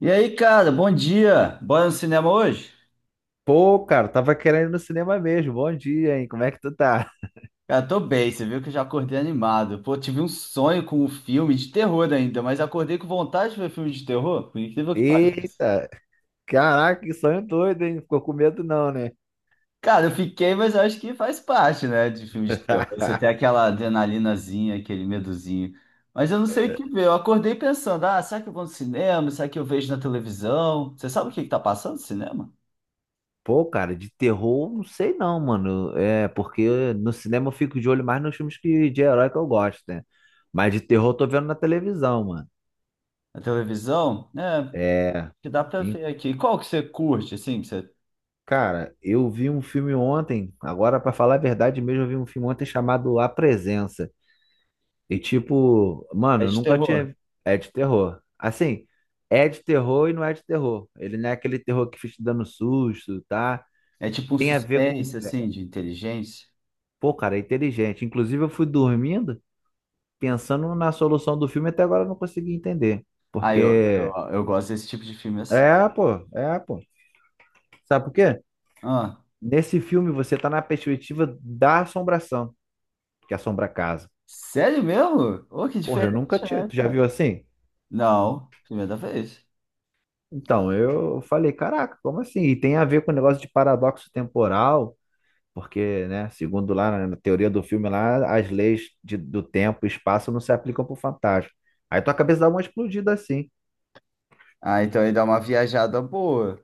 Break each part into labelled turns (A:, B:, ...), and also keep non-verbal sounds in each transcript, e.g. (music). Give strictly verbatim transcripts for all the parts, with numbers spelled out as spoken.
A: E aí, cara, bom dia. Bora no cinema hoje?
B: Pô, cara, tava querendo ir no cinema mesmo. Bom dia, hein? Como é que tu tá?
A: Cara, tô bem, você viu que eu já acordei animado. Pô, tive um sonho com um filme de terror ainda, mas acordei com vontade de ver filme de terror, por incrível que pareça.
B: Eita, caraca, que sonho doido, hein? Ficou com medo não, né?
A: Cara, eu fiquei, mas eu acho que faz parte, né, de filme de terror. Você
B: (laughs)
A: tem aquela adrenalinazinha, aquele medozinho. Mas eu não sei o que ver. Eu acordei pensando, ah, será que eu vou no cinema? Será que eu vejo na televisão? Você sabe o que que tá passando no cinema?
B: Pô, cara, de terror, não sei não, mano. É, porque no cinema eu fico de olho mais nos filmes que, de herói que eu gosto, né? Mas de terror eu tô vendo na televisão, mano.
A: Na televisão? É,
B: É,
A: que dá pra
B: e,
A: ver aqui. Qual que você curte, assim, que você...
B: cara, eu vi um filme ontem, agora pra falar a verdade mesmo, eu vi um filme ontem chamado A Presença. E tipo,
A: É
B: mano, eu
A: de
B: nunca
A: terror?
B: tinha. É de terror. Assim, é de terror e não é de terror. Ele não é aquele terror que fica te dando susto, tá?
A: É tipo um
B: Tem a ver com.
A: suspense, assim, de inteligência.
B: Pô, cara, é inteligente. Inclusive, eu fui dormindo pensando na solução do filme, até agora eu não consegui entender.
A: Ah, eu, eu,
B: Porque.
A: eu gosto desse tipo de filme assim.
B: É, pô, é, pô. Sabe por quê?
A: Ah,
B: Nesse filme você tá na perspectiva da assombração, que assombra a casa.
A: sério mesmo? Ô, que
B: Porra, eu nunca
A: diferente,
B: tinha.
A: né,
B: Tu já
A: cara?
B: viu assim?
A: Não, primeira vez.
B: Então, eu falei, caraca, como assim? E tem a ver com o negócio de paradoxo temporal. Porque, né, segundo lá na teoria do filme lá, as leis de- do tempo e espaço não se aplicam pro fantasma. Aí tua cabeça dá uma explodida assim.
A: Ah, então ele dá uma viajada boa.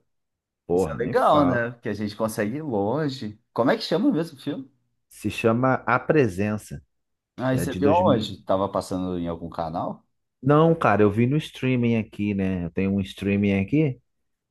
A: Isso é
B: Porra, nem
A: legal,
B: falo.
A: né? Porque a gente consegue ir longe. Como é que chama mesmo o filme?
B: Se chama A Presença.
A: Ah, e
B: É
A: você
B: de
A: viu
B: dois mil.
A: onde? Tava passando em algum canal?
B: Não, cara, eu vi no streaming aqui, né? Eu tenho um streaming aqui,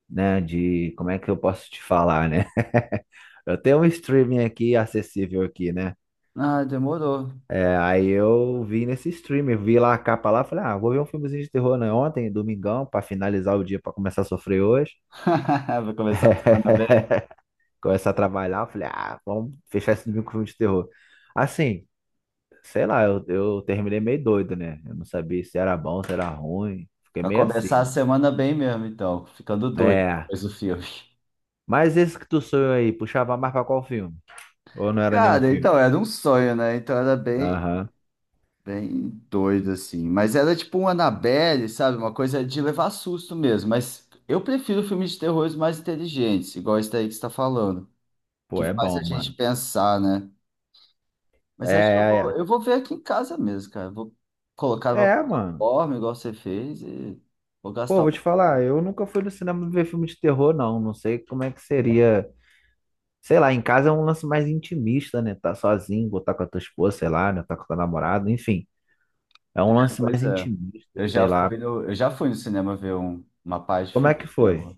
B: né, de como é que eu posso te falar, né? (laughs) Eu tenho um streaming aqui acessível aqui, né?
A: Ah, demorou.
B: É, aí eu vi nesse streaming, vi lá a capa lá, falei, ah, vou ver um filmezinho de terror, né? Ontem, domingão, pra finalizar o dia, pra começar a sofrer hoje.
A: (laughs) Vai começar a semana bem.
B: (laughs) Começar a trabalhar, eu falei, ah, vamos fechar esse domingo com filme de terror. Assim, sei lá, eu, eu terminei meio doido, né? Eu não sabia se era bom, se era ruim. Fiquei
A: Vai
B: meio assim,
A: começar a
B: mano.
A: semana bem mesmo, então. Ficando doido
B: É.
A: depois do filme.
B: Mas esse que tu sonhou aí, puxava mais pra qual filme? Ou não era nenhum
A: Cara,
B: filme?
A: então era um sonho, né? Então era bem.
B: Aham.
A: Bem doido, assim. Mas era tipo um Annabelle, sabe? Uma coisa de levar susto mesmo. Mas eu prefiro filmes de terror mais inteligentes, igual esse daí que você está falando.
B: Pô,
A: Que
B: é
A: faz
B: bom,
A: a gente
B: mano.
A: pensar, né?
B: É,
A: Mas acho que eu vou,
B: é,
A: eu vou ver aqui em casa mesmo, cara. Vou colocar
B: é.
A: numa
B: É, mano.
A: plataforma, igual você fez, e vou
B: Pô,
A: gastar um
B: vou te
A: tempo.
B: falar, eu nunca fui no cinema ver filme de terror, não. Não sei como é que seria. Sei lá, em casa é um lance mais intimista, né? Tá sozinho, botar com a tua esposa, sei lá, né? Tá com a tua namorada, enfim. É um lance
A: Pois
B: mais
A: é.
B: intimista,
A: Eu já
B: sei lá.
A: fui no, eu já fui no cinema ver um, uma parte de
B: Como é
A: filme
B: que
A: de
B: foi?
A: terror.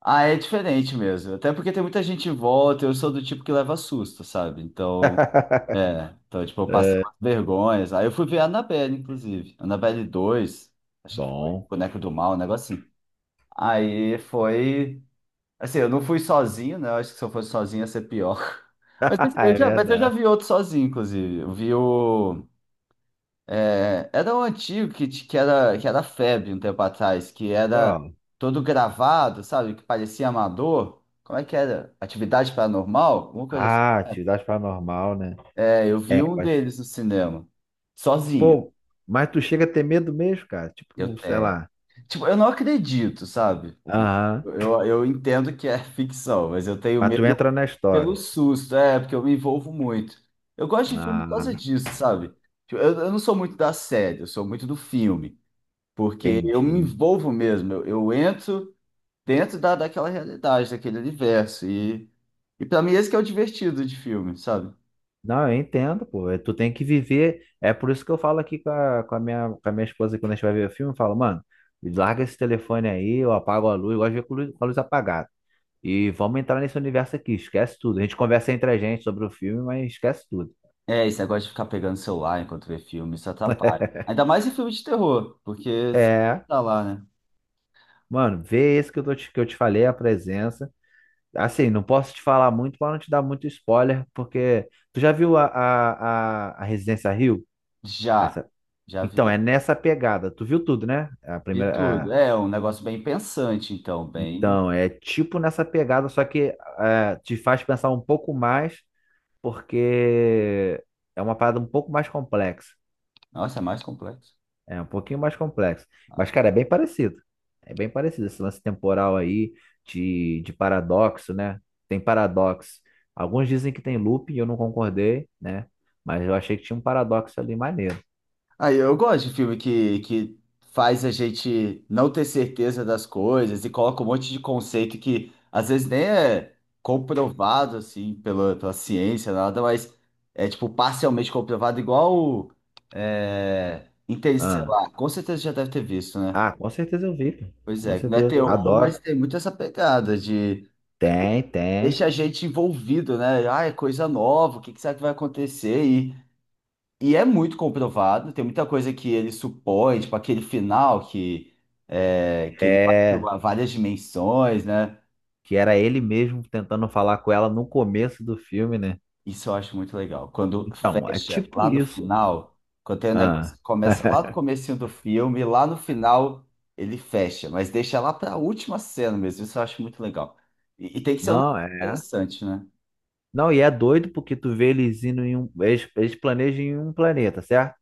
A: Ah, é diferente mesmo. Até porque tem muita gente em volta, eu sou do tipo que leva susto, sabe? Então. Então, tipo, eu passei
B: É,
A: umas vergonhas. Aí eu fui ver a Annabelle, inclusive. Annabelle dois acho que foi
B: bom.
A: Boneco do Mal, um negócio assim. Aí foi. Assim, eu não fui sozinho, né? Eu acho que se eu fosse sozinho ia ser pior. (laughs) Mas
B: (laughs)
A: eu
B: É
A: já, mas eu já
B: verdade.
A: vi outro sozinho, inclusive. Eu vi o. É, era um antigo que, t- que era, que era febre um tempo atrás, que era
B: Qual?
A: todo gravado, sabe? Que parecia amador. Como é que era? Atividade paranormal? Alguma coisa assim.
B: Ah, atividade paranormal, né?
A: É, eu vi
B: É,
A: um
B: mas,
A: deles no cinema, sozinho.
B: pô, mas tu chega a ter medo mesmo, cara?
A: Eu
B: Tipo, sei
A: tenho.
B: lá.
A: Tipo, eu não acredito, sabe?
B: Aham.
A: Eu, eu entendo que é (laughs) ficção, mas eu tenho
B: Mas tu entra
A: medo
B: na
A: pelo
B: história.
A: susto, é, porque eu me envolvo muito. Eu gosto de filme por causa
B: Ah,
A: disso, sabe? Tipo, Eu, eu não sou muito da série, eu sou muito do filme, porque eu me
B: entendi.
A: envolvo mesmo, eu, eu entro dentro da, daquela realidade, daquele universo, e, e para mim esse que é o divertido de filme, sabe?
B: Não, eu entendo, pô. É, tu tem que viver. É por isso que eu falo aqui com a, com a minha, com a minha esposa quando a gente vai ver o filme, eu falo, mano, larga esse telefone aí, eu apago a luz, eu gosto de ver com luz- com a luz apagada. E vamos entrar nesse universo aqui, esquece tudo. A gente conversa entre a gente sobre o filme, mas esquece tudo.
A: É, esse negócio de ficar pegando celular enquanto vê filme, isso atrapalha. Ainda mais em filme de terror, porque você
B: É,
A: tá lá, né?
B: mano, vê esse que eu, tô te, que eu te falei, a presença. Assim, não posso te falar muito para não te dar muito spoiler, porque tu já viu a, a, a, a Residência Rio?
A: Já,
B: Essa-
A: já
B: Então, é
A: vi.
B: nessa pegada. Tu viu tudo, né? A
A: Vi
B: primeira.
A: tudo.
B: A-
A: É um negócio bem pensante, então, bem.
B: Então, é tipo nessa pegada, só que é, te faz pensar um pouco mais, porque é uma parada um pouco mais complexa.
A: Nossa, é mais complexo.
B: É um pouquinho mais complexo. Mas,
A: Ah.
B: cara, é bem parecido. É bem parecido esse lance temporal aí de, de paradoxo, né? Tem paradoxo. Alguns dizem que tem loop e eu não concordei, né? Mas eu achei que tinha um paradoxo ali maneiro.
A: Aí eu gosto de filme que, que faz a gente não ter certeza das coisas e coloca um monte de conceito que às vezes nem é comprovado, assim, pela, pela ciência, nada, mas é tipo parcialmente comprovado, igual o, é,
B: Ah,
A: Interestelar. Com certeza já deve ter visto, né?
B: ah, com certeza eu vi, pô.
A: Pois
B: Com
A: é, não é
B: certeza.
A: terror, mas
B: Adoro.
A: tem muito essa pegada de.
B: Tem,
A: Deixa
B: tem.
A: a gente envolvido, né? Ah, é coisa nova, o que que será que vai acontecer? E, e é muito comprovado, tem muita coisa que ele supõe, tipo aquele final que, é, que ele vai
B: É,
A: para várias dimensões, né?
B: que era ele mesmo tentando falar com ela no começo do filme, né?
A: Isso eu acho muito legal. Quando
B: Então, é
A: fecha
B: tipo
A: lá no
B: isso.
A: final, quando tem um negócio
B: Ah,
A: que começa lá no
B: (laughs)
A: comecinho do filme, lá no final ele fecha, mas deixa lá para a última cena mesmo. Isso eu acho muito legal. E, e tem que ser um
B: não,
A: negócio
B: é.
A: interessante, né?
B: Não, e é doido porque tu vê eles indo em um. Eles, eles planejam em um planeta, certo?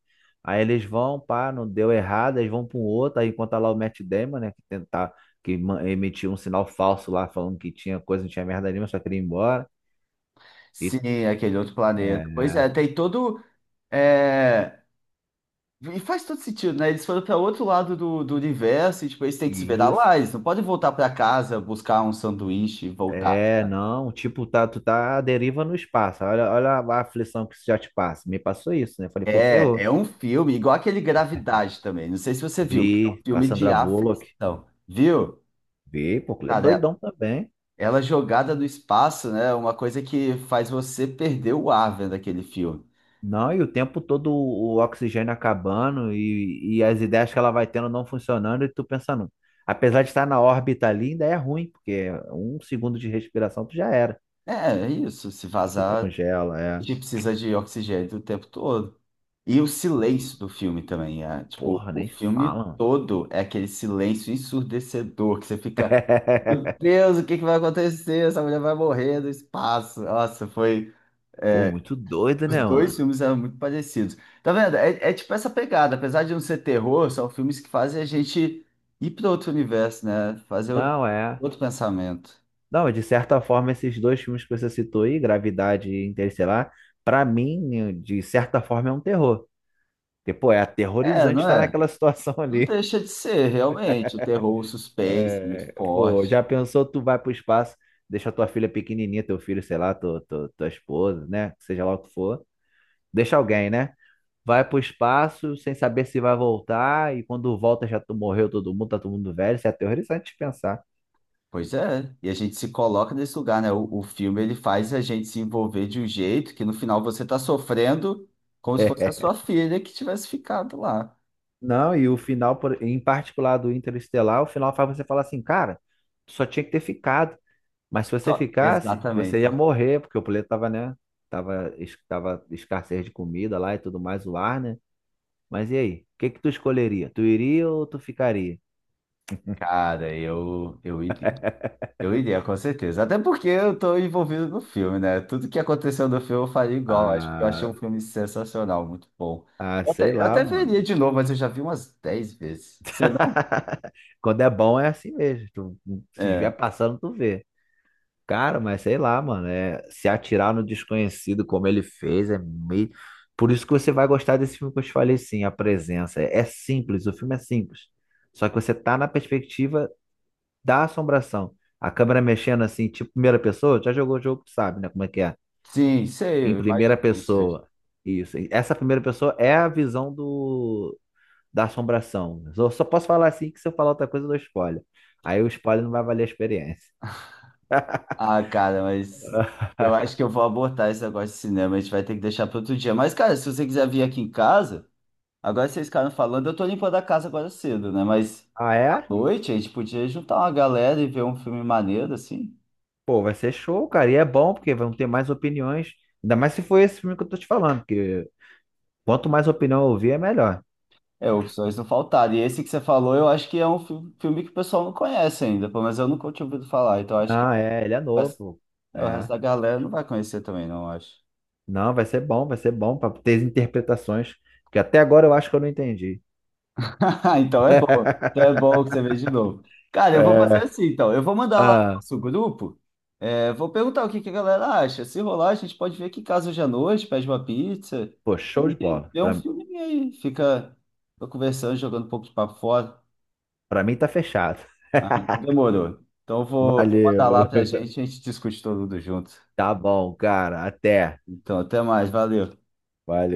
B: Aí eles vão, pá, não deu errado, eles vão para um outro. Aí enquanto tá lá o Matt Damon, né, que tentar, que ma- emitiu um sinal falso lá, falando que tinha coisa, não tinha merda nenhuma, só queria ir embora. E,
A: Sim, aquele outro planeta. Pois
B: é,
A: é, tem todo. É. E faz todo sentido, né? Eles foram para outro lado do, do universo e tipo, eles têm que se
B: e
A: virar
B: isso.
A: lá. Eles não podem voltar para casa, buscar um sanduíche e voltar.
B: É, não, tipo, tá, tu tá à deriva no espaço. Olha, olha a aflição que isso já te passa. Me passou isso, né? Falei, pô,
A: É, é
B: ferrou.
A: um filme, igual aquele Gravidade também. Não sei se você viu,
B: Vi
A: mas é um
B: com a
A: filme de
B: Sandra Bullock.
A: aflição, viu?
B: Vi, pô, é
A: Cara,
B: doidão
A: é
B: também.
A: ela jogada no espaço, né? É uma coisa que faz você perder o ar vendo aquele filme.
B: Não, e o tempo todo o oxigênio acabando e, e as ideias que ela vai tendo não funcionando e tu pensando. Apesar de estar na órbita ali, ainda é ruim, porque um segundo de respiração tu já era.
A: É, é isso. Se
B: Tu
A: vazar.
B: congela,
A: A
B: é.
A: gente precisa de oxigênio o tempo todo. E o
B: Pô,
A: silêncio do filme também, é, tipo,
B: porra,
A: o
B: nem
A: filme
B: fala, mano.
A: todo é aquele silêncio ensurdecedor que você fica, meu
B: (laughs)
A: Deus, o que que vai acontecer? Essa mulher vai morrer no espaço. Nossa, foi.
B: Pô,
A: É,
B: muito doido,
A: os
B: né,
A: dois
B: mano?
A: filmes eram muito parecidos. Tá vendo? É, é tipo essa pegada, apesar de não ser terror, são filmes que fazem a gente ir para outro universo, né? Fazer outro,
B: Não, é.
A: outro pensamento.
B: Não, de certa forma, esses dois filmes que você citou aí, Gravidade e Interestelar, pra mim, de certa forma, é um terror. Porque, pô, é
A: É,
B: aterrorizante
A: não
B: estar
A: é?
B: naquela (laughs) situação
A: Não
B: ali.
A: deixa de ser, realmente. O terror, o suspense, muito
B: É, pô,
A: forte.
B: já pensou, tu vai pro espaço, deixa tua filha pequenininha, teu filho, sei lá, tu- tu- tua esposa, né? Seja lá o que for. Deixa alguém, né? Vai pro espaço sem saber se vai voltar e quando volta já tu morreu todo mundo, tá todo mundo velho. Isso é aterrorizante de pensar.
A: Pois é, e a gente se coloca nesse lugar, né? O, o filme ele faz a gente se envolver de um jeito que no final você tá sofrendo como se fosse a sua
B: (laughs)
A: filha que tivesse ficado lá.
B: Não, e o final, por- em particular do Interestelar, o final faz você falar assim, cara, tu só tinha que ter ficado. Mas se você
A: Só
B: ficasse, você ia
A: Exatamente.
B: morrer, porque o planeta tava, né? Tava, es- tava escassez de comida lá e tudo mais, o ar, né? Mas e aí? O que que tu escolheria? Tu iria ou tu ficaria?
A: Cara, eu, eu, iria- eu iria, com certeza. Até porque eu tô envolvido no filme, né? Tudo que aconteceu no filme eu faria igual. Acho que eu
B: Ah,
A: achei um filme sensacional, muito bom.
B: ah,
A: Eu
B: sei
A: até, eu
B: lá,
A: até veria
B: mano.
A: de novo, mas eu já vi umas dez vezes. Você não?
B: (laughs) Quando é bom é assim mesmo. Tu se estiver
A: É.
B: passando, tu vê. Cara, mas sei lá, mano. É, se atirar no desconhecido como ele fez é meio. Por isso que você vai gostar desse filme que eu te falei, sim, a presença. É, é simples, o filme é simples. Só que você tá na perspectiva da assombração. A câmera mexendo assim, tipo primeira pessoa, já jogou o jogo, tu sabe, né? Como é que é?
A: Sim, sei,
B: Em
A: eu
B: primeira
A: imagino como seja.
B: pessoa. Isso. Essa primeira pessoa é a visão do, da assombração. Eu só posso falar assim que se eu falar outra coisa, eu dou spoiler. Aí o spoiler não vai valer a experiência.
A: Ah, cara, mas eu acho
B: (laughs)
A: que eu vou abortar esse negócio de cinema. A gente vai ter que deixar para outro dia. Mas, cara, se você quiser vir aqui em casa, agora vocês ficaram falando, eu tô limpando a casa agora cedo, né? Mas
B: Ah,
A: à
B: é?
A: noite a gente podia juntar uma galera e ver um filme maneiro, assim.
B: Pô, vai ser show, cara. E é bom, porque vão ter mais opiniões. Ainda mais se for esse filme que eu tô te falando, porque quanto mais opinião eu ouvir, é melhor.
A: É, opções não faltaram. E esse que você falou, eu acho que é um fi- filme que o pessoal não conhece ainda, pelo menos eu nunca tinha ouvido falar. Então, eu acho que
B: Não, é, ele é
A: o resto,
B: novo.
A: é, o resto
B: É.
A: da galera não vai conhecer também, não, eu acho.
B: Não, vai ser bom, vai ser bom para ter interpretações, que até agora eu acho que eu não entendi.
A: (laughs) Então é bom. Então é
B: (laughs)
A: bom que você veja de novo. Cara, eu vou fazer
B: É.
A: assim, então. Eu vou mandar lá no
B: Ah,
A: nosso grupo. É, vou perguntar o que que a galera acha. Se rolar, a gente pode ver que em casa hoje à noite, pede uma pizza
B: pô, show de
A: e
B: bola.
A: vê um
B: Pra
A: filminho aí. Fica, fica conversando, jogando um pouco de papo fora.
B: Pra mim tá fechado.
A: Ah, então
B: (laughs)
A: demorou. Então eu vou, vou mandar lá
B: Valeu.
A: pra gente, a gente discute todo mundo junto.
B: Tá bom, cara. Até.
A: Então, até mais, valeu.
B: Valeu.